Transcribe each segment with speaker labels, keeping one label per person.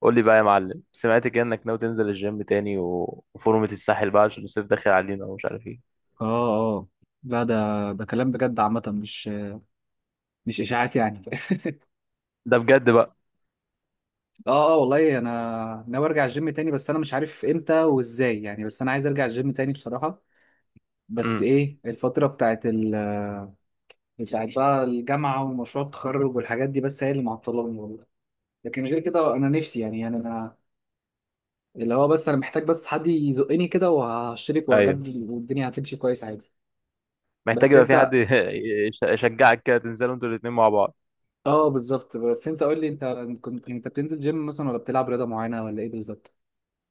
Speaker 1: قول لي بقى يا معلم، سمعت كده انك ناوي تنزل الجيم تاني و... وفورمة الساحل بقى عشان الصيف داخل علينا ومش عارف ايه.
Speaker 2: اه اه لا ده ده كلام بجد عامة مش اشاعات يعني.
Speaker 1: ده بجد بقى.
Speaker 2: اه اه، والله انا ناوي ارجع الجيم تاني، بس انا مش عارف امتى وازاي يعني، بس انا عايز ارجع الجيم تاني بصراحة. بس
Speaker 1: امم.
Speaker 2: ايه الفترة بتاعت بقى الجامعة ومشروع التخرج والحاجات دي، بس هي اللي معطلاني والله. لكن غير كده انا نفسي يعني انا محتاج بس حد يزقني كده وهشترك
Speaker 1: ايوه.
Speaker 2: وهجدد والدنيا هتمشي كويس عادي.
Speaker 1: محتاج
Speaker 2: بس
Speaker 1: يبقى في حد
Speaker 2: انت،
Speaker 1: يشجعك كده، تنزلوا انتوا الاتنين مع بعض.
Speaker 2: اه بالظبط. بس انت قول لي انت، كنت انت بتنزل جيم مثلا ولا بتلعب رياضة معينة ولا ايه بالظبط؟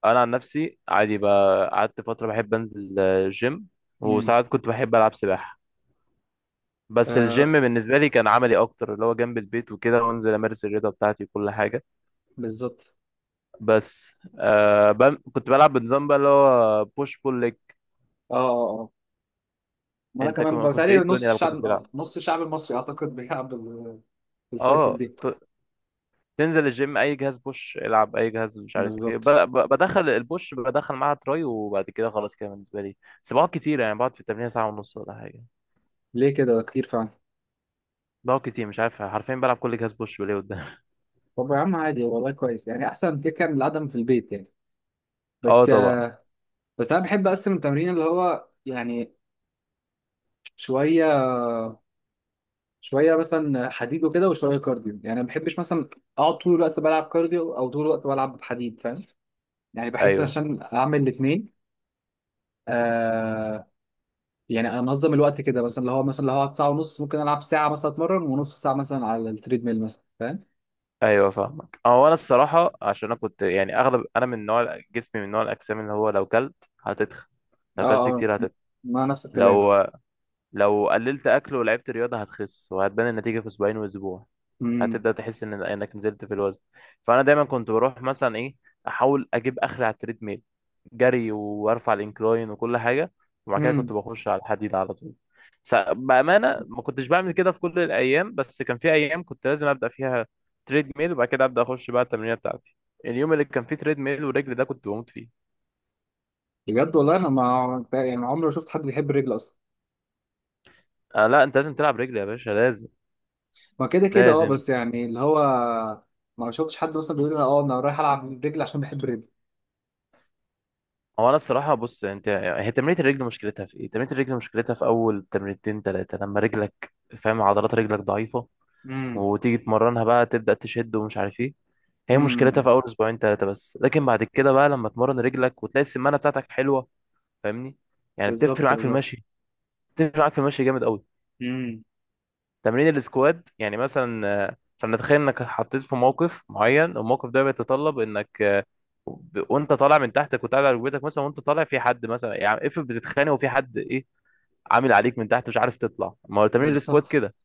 Speaker 1: انا عن نفسي عادي بقى، قعدت فترة بحب انزل جيم.
Speaker 2: امم
Speaker 1: وساعات كنت بحب العب سباحة. بس الجيم
Speaker 2: آه،
Speaker 1: بالنسبة لي كان عملي اكتر، اللي هو جنب البيت وكده، وانزل امارس الرياضة بتاعتي وكل حاجة.
Speaker 2: بالظبط.
Speaker 1: بس كنت بلعب بنظام بقى، اللي هو بوش بول ليج.
Speaker 2: اه اه اه، ما انا
Speaker 1: انت
Speaker 2: كمان
Speaker 1: كنت
Speaker 2: بتهيألي
Speaker 1: ايه
Speaker 2: نص
Speaker 1: الدنيا لما كنت
Speaker 2: الشعب، آه،
Speaker 1: بتلعب؟
Speaker 2: نص الشعب المصري اعتقد بيلعب بالسايكل
Speaker 1: اه،
Speaker 2: دي.
Speaker 1: تنزل الجيم، اي جهاز بوش العب، اي جهاز مش عارف ايه،
Speaker 2: بالظبط.
Speaker 1: بدخل البوش، بدخل معاها تراي، وبعد كده خلاص كده بالنسبه لي. بس بقعد كتير يعني، بقعد في التمرين ساعه ونص ولا حاجه.
Speaker 2: ليه كده كتير فعلا؟
Speaker 1: بقعد كتير مش عارف، حرفيا بلعب كل جهاز، بوش وليه قدام.
Speaker 2: طب يا عم عادي والله، كويس يعني، احسن كده كان العدم في البيت يعني.
Speaker 1: اه،
Speaker 2: بس
Speaker 1: طبعا.
Speaker 2: آه، بس انا بحب اقسم التمرين، اللي هو يعني، شويه شويه مثلا حديد وكده وشويه كارديو، يعني ما بحبش مثلا اقعد طول الوقت بلعب كارديو او طول الوقت بلعب حديد، فاهم يعني؟ بحس
Speaker 1: ايوه،
Speaker 2: عشان اعمل الاثنين يعني، انظم الوقت كده، مثلا اللي هو أقعد ساعه ونص، ممكن العب ساعه مثلا اتمرن، ونص ساعه مثلا على التريد ميل مثلا، فاهم؟
Speaker 1: ايوه، فاهمك، هو انا الصراحه، عشان انا كنت يعني اغلب، انا من نوع جسمي، من نوع الاجسام اللي هو لو كلت هتتخن.
Speaker 2: اه
Speaker 1: لو كلت
Speaker 2: اه،
Speaker 1: كتير هتتخن.
Speaker 2: ما نفس الكلام.
Speaker 1: لو لو قللت اكل ولعبت رياضه، هتخس وهتبان النتيجه في اسبوعين واسبوع.
Speaker 2: امم
Speaker 1: هتبدا تحس ان انك نزلت في الوزن. فانا دايما كنت بروح مثلا ايه، احاول اجيب اخر على التريد ميل، جري وارفع الانكلاين وكل حاجه. وبعد كده كنت
Speaker 2: امم
Speaker 1: بخش على الحديد على طول. بامانه، ما كنتش بعمل كده في كل الايام، بس كان في ايام كنت لازم ابدا فيها تريد ميل، وبعد كده ابدا اخش بقى التمرينه بتاعتي. اليوم اللي كان فيه تريد ميل ورجل ده كنت بموت فيه.
Speaker 2: بجد والله، انا ما يعني عمري ما شفت حد بيحب الرجل اصلا.
Speaker 1: آه لا، انت لازم تلعب رجل يا باشا، لازم.
Speaker 2: ما كده كده اه،
Speaker 1: لازم.
Speaker 2: بس يعني اللي هو ما شفتش حد مثلا بيقول لي اه انا رايح العب رجل عشان بحب الرجل.
Speaker 1: هو انا الصراحه، بص انت، هي تمرينه الرجل مشكلتها في ايه؟ تمرينه الرجل مشكلتها في اول تمرينتين ثلاثه، لما رجلك فاهم؟ عضلات رجلك ضعيفه،
Speaker 2: امم
Speaker 1: وتيجي تمرنها بقى تبدا تشد ومش عارف ايه. هي مشكلتها
Speaker 2: امم
Speaker 1: في اول اسبوعين ثلاثه بس، لكن بعد كده بقى لما تمرن رجلك، وتلاقي السمانه بتاعتك حلوه. فاهمني؟ يعني بتفرق
Speaker 2: بالظبط
Speaker 1: معاك في
Speaker 2: بالظبط.
Speaker 1: المشي. بتفرق معاك في المشي جامد قوي.
Speaker 2: امم
Speaker 1: تمرين السكواد يعني مثلا، فلنتخيل انك حطيت في موقف معين، الموقف ده بيتطلب انك، وانت طالع من تحتك وتقعد على ركبتك مثلا، وانت طالع في حد مثلا، يعني افرض بتتخانق وفي حد ايه عامل عليك من تحت، مش عارف تطلع، ما هو تمرين السكوات
Speaker 2: بالظبط
Speaker 1: كده.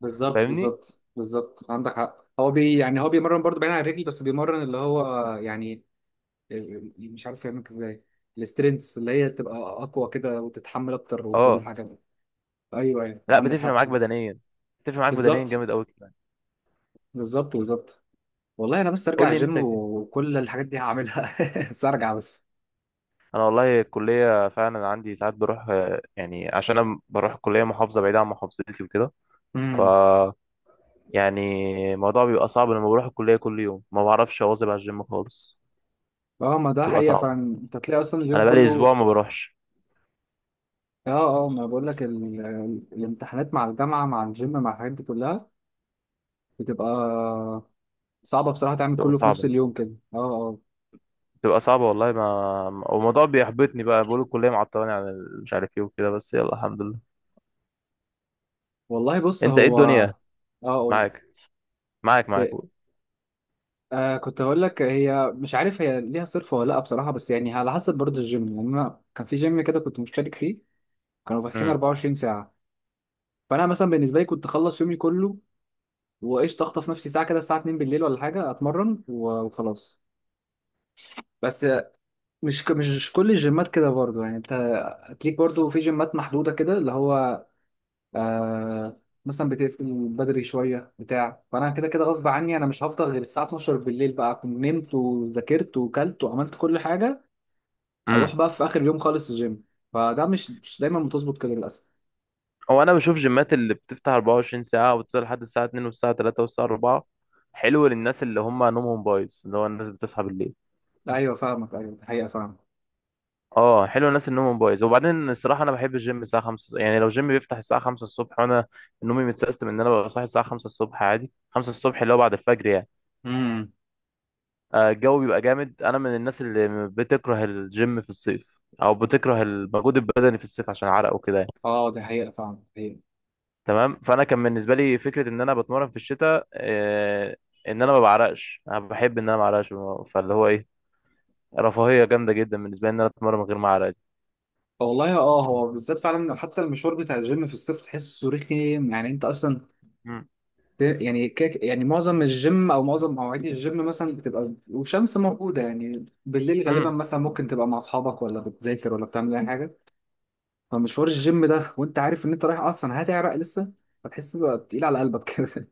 Speaker 2: بالظبط
Speaker 1: فاهمني؟
Speaker 2: بالظبط بالظبط عندك حق. هو بي يعني، هو بيمرن برضه بعيد عن الرجل، بس بيمرن اللي هو يعني، يعني مش عارف يعملك ازاي، السترينث، اللي هي تبقى اقوى كده وتتحمل اكتر وكل
Speaker 1: اه
Speaker 2: الحاجات دي. ايوه ايوه،
Speaker 1: لا،
Speaker 2: عندك
Speaker 1: بتفرق
Speaker 2: حق.
Speaker 1: معاك بدنيا. بتفرق معاك بدنيا
Speaker 2: بالظبط
Speaker 1: جامد قوي كمان.
Speaker 2: بالظبط. والله انا بس ارجع
Speaker 1: قول لي انت
Speaker 2: الجيم
Speaker 1: كده.
Speaker 2: وكل الحاجات دي هعملها. بس ارجع بس.
Speaker 1: انا والله الكليه فعلا عندي ساعات بروح، يعني عشان انا بروح الكليه محافظه بعيده عن محافظتي وكده، ف،
Speaker 2: امم
Speaker 1: يعني، الموضوع بيبقى صعب، لما بروح الكليه كل يوم ما بعرفش اواظب على الجيم خالص.
Speaker 2: اه، ما ده
Speaker 1: بتبقى
Speaker 2: حقيقه
Speaker 1: صعبه.
Speaker 2: فعلا. انت تلاقي اصلا اليوم
Speaker 1: انا بقالي اسبوع
Speaker 2: كله،
Speaker 1: ما بروحش.
Speaker 2: اه اه، ما بقول لك الامتحانات مع الجامعه مع الجيم مع الحاجات دي كلها، بتبقى صعبه بصراحه تعمل
Speaker 1: بتبقى
Speaker 2: كله في نفس
Speaker 1: صعبه.
Speaker 2: اليوم كده، اه اه.
Speaker 1: بتبقى صعبه والله، ما والموضوع بيحبطني بقى، بقول الكليه معطلاني عن مش عارف ايه وكده، بس يلا الحمد لله.
Speaker 2: والله بص
Speaker 1: انت ايه
Speaker 2: هو،
Speaker 1: الدنيا؟
Speaker 2: اه قول.
Speaker 1: معاك، معاك، معاك، قول.
Speaker 2: آه كنت هقول لك، هي مش عارف هي ليها صرف ولا لا بصراحه، بس يعني على حسب برضه الجيم يعني، انا كان في جيم كده كنت مشترك فيه كانوا فاتحين
Speaker 1: امم.
Speaker 2: 24 ساعه. فانا مثلا بالنسبه لي كنت اخلص يومي كله وايش اخطف نفسي ساعه كده الساعه 2 بالليل ولا حاجه اتمرن وخلاص. بس مش كل الجيمات كده برضه، يعني انت هتليك برضه في جيمات محدوده كده اللي هو آه مثلا بتقفل بدري شويه بتاع، فانا كده كده غصب عني انا مش هفضل غير الساعه 12 بالليل بقى، اكون نمت وذاكرت وكلت وعملت كل حاجه، اروح
Speaker 1: امم.
Speaker 2: بقى في اخر يوم خالص الجيم. فده مش دايما بتظبط كده للاسف.
Speaker 1: هو انا بشوف جيمات اللي بتفتح 24 ساعه، وتفضل لحد الساعه 2 والساعه 3 والساعه 4. حلو للناس اللي هم نومهم بايظ، اللي هو الناس بتصحى بالليل.
Speaker 2: لا ايوه، فاهمك ايوه، دي حقيقه فاهمك.
Speaker 1: اه، حلو الناس اللي نومهم بايظ، وبعدين الصراحه انا بحب الجيم الساعه 5، يعني لو جيم بيفتح الساعه 5 الصبح، وانا نومي متسيستم ان انا ببقى صاحي الساعه 5 الصبح عادي، 5 الصبح اللي هو بعد الفجر يعني.
Speaker 2: امم
Speaker 1: الجو بيبقى جامد، انا من الناس اللي بتكره الجيم في الصيف، او بتكره المجهود البدني في الصيف عشان عرق وكده يعني.
Speaker 2: اه دي حقيقه، فاهمك دي حقيقه.
Speaker 1: تمام، فانا كان بالنسبه لي فكره ان انا بتمرن في الشتاء ان انا ما بعرقش، انا بحب ان انا ما اعرقش، فاللي هو ايه، رفاهيه جامده جدا بالنسبه لي ان انا اتمرن من غير ما اعرق.
Speaker 2: والله اه، هو بالذات فعلا حتى المشوار بتاع الجيم في الصيف تحسه رخيم يعني، انت اصلا
Speaker 1: مم.
Speaker 2: يعني كيك يعني، معظم الجيم او معظم مواعيد الجيم مثلا بتبقى والشمس موجوده يعني، بالليل غالبا
Speaker 1: مم.
Speaker 2: مثلا ممكن تبقى مع اصحابك ولا بتذاكر ولا بتعمل اي حاجه، فمشوار الجيم ده وانت عارف ان انت رايح اصلا هتعرق لسه، فتحس بقى تقيل على قلبك كده.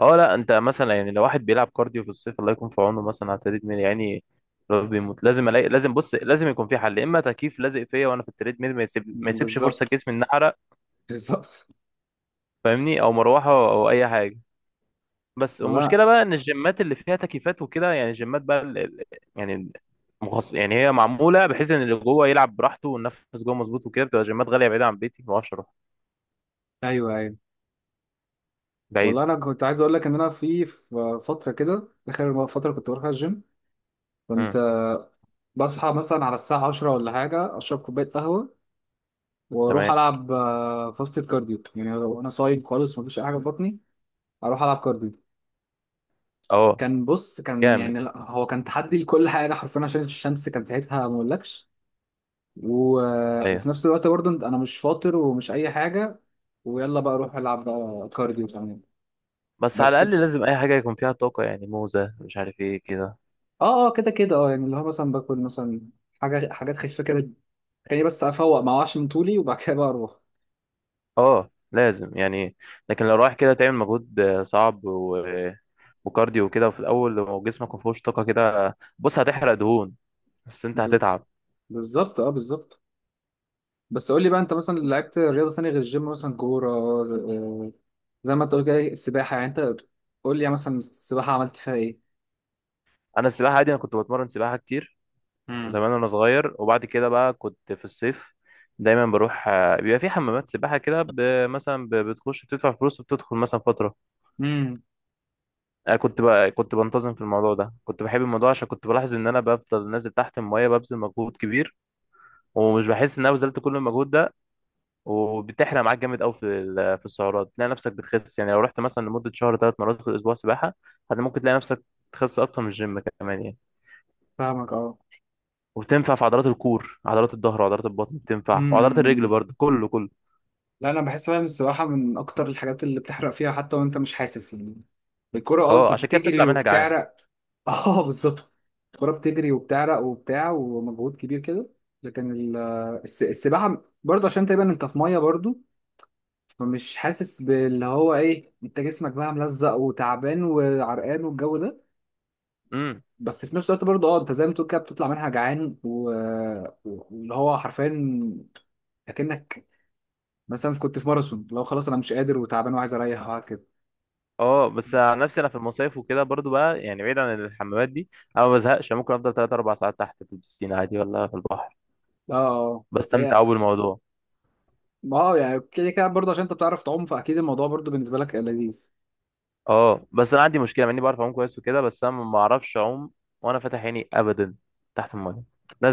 Speaker 1: اه لا، انت مثلا يعني لو واحد بيلعب كارديو في الصيف الله يكون في عونه، مثلا على التريدميل يعني، لو بيموت لازم الاقي، لازم بص، لازم يكون في حل، يا اما تكييف لازق فيا وانا في التريدميل، ما يسيبش فرصه
Speaker 2: بالظبط
Speaker 1: جسمي ان احرق.
Speaker 2: بالظبط.
Speaker 1: فاهمني؟ او مروحه او اي حاجه. بس
Speaker 2: والله
Speaker 1: المشكله بقى ان الجيمات اللي فيها تكييفات وكده، يعني الجيمات بقى يعني مخصص، يعني هي معموله بحيث ان اللي جوه يلعب براحته والنفس جوه مظبوط وكده، بتبقى جيمات غاليه بعيده عن بيتي، ما اعرفش اروح
Speaker 2: ايوه ايوه.
Speaker 1: بعيد.
Speaker 2: والله انا كنت عايز اقول لك ان انا في فتره كده اخر فتره كنت بروح الجيم، كنت
Speaker 1: امم.
Speaker 2: آه، بصحى مثلا على الساعه 10 ولا حاجه، اشرب كوبايه قهوه واروح
Speaker 1: تمام.
Speaker 2: العب آه، فاست كارديو، يعني لو انا صايم خالص مفيش اي حاجه في بطني، اروح العب كارديو.
Speaker 1: اه.
Speaker 2: كان بص كان يعني
Speaker 1: جامد.
Speaker 2: لا، هو كان تحدي لكل حاجه حرفيا عشان الشمس كان ساعتها ما اقولكش. و...
Speaker 1: ايوه،
Speaker 2: وفي نفس الوقت برضه انا مش فاطر ومش اي حاجه، ويلا بقى اروح العب بقى كارديو كمان.
Speaker 1: بس على
Speaker 2: بس
Speaker 1: الاقل لازم اي حاجه يكون فيها طاقه، يعني موزه مش عارف ايه كده.
Speaker 2: اه اه كده كده اه، يعني اللي هو مثلا باكل مثلا حاجات خفيفة كده، خليني بس افوق ما اوعش من طولي وبعد كده بقى اروح.
Speaker 1: اه لازم يعني. لكن لو رايح كده تعمل مجهود صعب وكارديو وكده، وفي الاول لو جسمك ما فيهوش طاقه كده، بص هتحرق دهون، بس انت
Speaker 2: ب-
Speaker 1: هتتعب.
Speaker 2: بالظبط اه بالظبط. بس قول لي بقى انت، مثلا لعبت رياضة تانية غير الجيم، مثلا كورة آه، زي ما انت قلت كده السباحة يعني، انت قول لي مثلا السباحة عملت فيها ايه؟
Speaker 1: انا السباحه عادي، انا كنت بتمرن سباحه كتير
Speaker 2: امم
Speaker 1: زمان وانا صغير، وبعد كده بقى كنت في الصيف دايما بروح، بيبقى في حمامات سباحه كده، مثلا بتخش بتدفع فلوس وبتدخل مثلا فتره.
Speaker 2: امم
Speaker 1: كنت بنتظم في الموضوع ده، كنت بحب الموضوع، عشان كنت بلاحظ ان انا بفضل نازل تحت الميه ببذل مجهود كبير، ومش بحس ان انا بذلت كل المجهود ده. وبتحرق معاك جامد قوي في السعرات، تلاقي نفسك بتخس، يعني لو رحت مثلا لمده شهر ثلاث مرات في الاسبوع سباحه، ممكن تلاقي نفسك تخس اكتر من الجيم كمان يعني.
Speaker 2: فاهمك اه.
Speaker 1: وبتنفع في عضلات الكور، عضلات الظهر وعضلات البطن بتنفع، وعضلات الرجل
Speaker 2: امم
Speaker 1: برضه، كله كله.
Speaker 2: لا انا بحس فعلا السباحه من اكتر الحاجات اللي بتحرق فيها حتى وانت مش حاسس يعني. الكوره اه، انت
Speaker 1: اه، عشان كده بتطلع
Speaker 2: بتجري
Speaker 1: منها جعان.
Speaker 2: وبتعرق. اه بالظبط، الكوره بتجري وبتعرق وبتاع ومجهود كبير كده، لكن السباحه برضه عشان تقريبا انت في ميه برضه، فمش حاسس باللي هو ايه، انت جسمك بقى ملزق وتعبان وعرقان والجو ده.
Speaker 1: امم.
Speaker 2: بس في نفس الوقت برضه اه انت زي ما تقول كده بتطلع منها جعان، واللي هو حرفيا اكنك مثلا كنت في ماراثون، لو خلاص انا مش قادر وتعبان وعايز اريح وقعد كده.
Speaker 1: اه، بس عن نفسي انا في المصايف وكده برضو بقى يعني، بعيد عن الحمامات دي، انا ما بزهقش، ممكن افضل 3 4 ساعات تحت في البسين عادي، ولا في البحر.
Speaker 2: اه اه، بس
Speaker 1: بستمتع
Speaker 2: هي
Speaker 1: قوي بالموضوع.
Speaker 2: ما هو يعني كده كده برضه، عشان انت بتعرف تعوم فاكيد الموضوع برضه بالنسبه لك لذيذ.
Speaker 1: اه، بس انا عندي مشكله مع اني بعرف اعوم كويس وكده، بس انا ما اعرفش اعوم وانا فاتح عيني ابدا تحت الميه،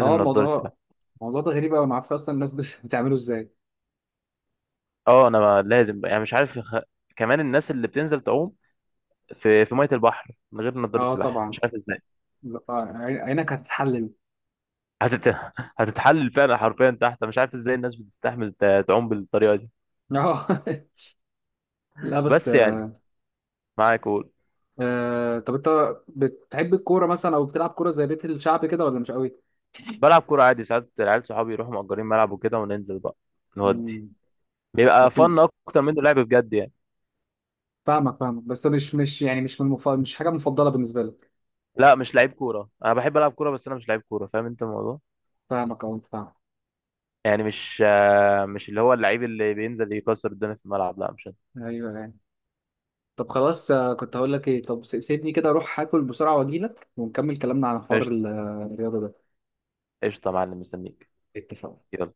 Speaker 2: اه،
Speaker 1: نضاره
Speaker 2: الموضوع
Speaker 1: سباحه.
Speaker 2: الموضوع ده غريب قوي، ما اعرفش اصلا الناس بتعمله ازاي.
Speaker 1: اه، انا ما- لازم يعني، مش عارف كمان الناس اللي بتنزل تعوم في ميه البحر من غير نضاره
Speaker 2: اه
Speaker 1: سباحه،
Speaker 2: طبعا،
Speaker 1: مش عارف ازاي.
Speaker 2: لا، آه، عينك هتتحلل.
Speaker 1: هتت... هتتحلل فعلا حرفيا تحت، أنا مش عارف ازاي الناس بتستحمل تعوم بالطريقه دي.
Speaker 2: اه. لا بس
Speaker 1: بس يعني، معاك قول.
Speaker 2: آه، طب انت بتحب الكوره مثلا او بتلعب كوره زي بيت الشعب كده ولا مش قوي؟
Speaker 1: بلعب كورة عادي، ساعات العيال صحابي يروحوا مأجرين ملعب وكده وننزل بقى نودي،
Speaker 2: مم.
Speaker 1: بيبقى
Speaker 2: بس
Speaker 1: فن أكتر منه لعب بجد يعني.
Speaker 2: فاهمك فاهمك، بس مش يعني مش من مش حاجه مفضله بالنسبه لك.
Speaker 1: لا، مش لعيب كورة، أنا بحب ألعب كورة بس أنا مش لعيب كورة، فاهم أنت الموضوع؟
Speaker 2: فاهمك اه فاهمك.
Speaker 1: يعني مش اللي هو اللعيب اللي بينزل يكسر الدنيا في الملعب، لا مش أنا.
Speaker 2: ايوه يعني. طب خلاص آه، كنت هقول لك ايه، طب سيبني كده اروح هاكل بسرعة واجيلك ونكمل كلامنا عن حوار
Speaker 1: قشطة.
Speaker 2: الرياضة ده.
Speaker 1: قشطة يا معلم، مستنيك.
Speaker 2: اتفقنا.
Speaker 1: يلا.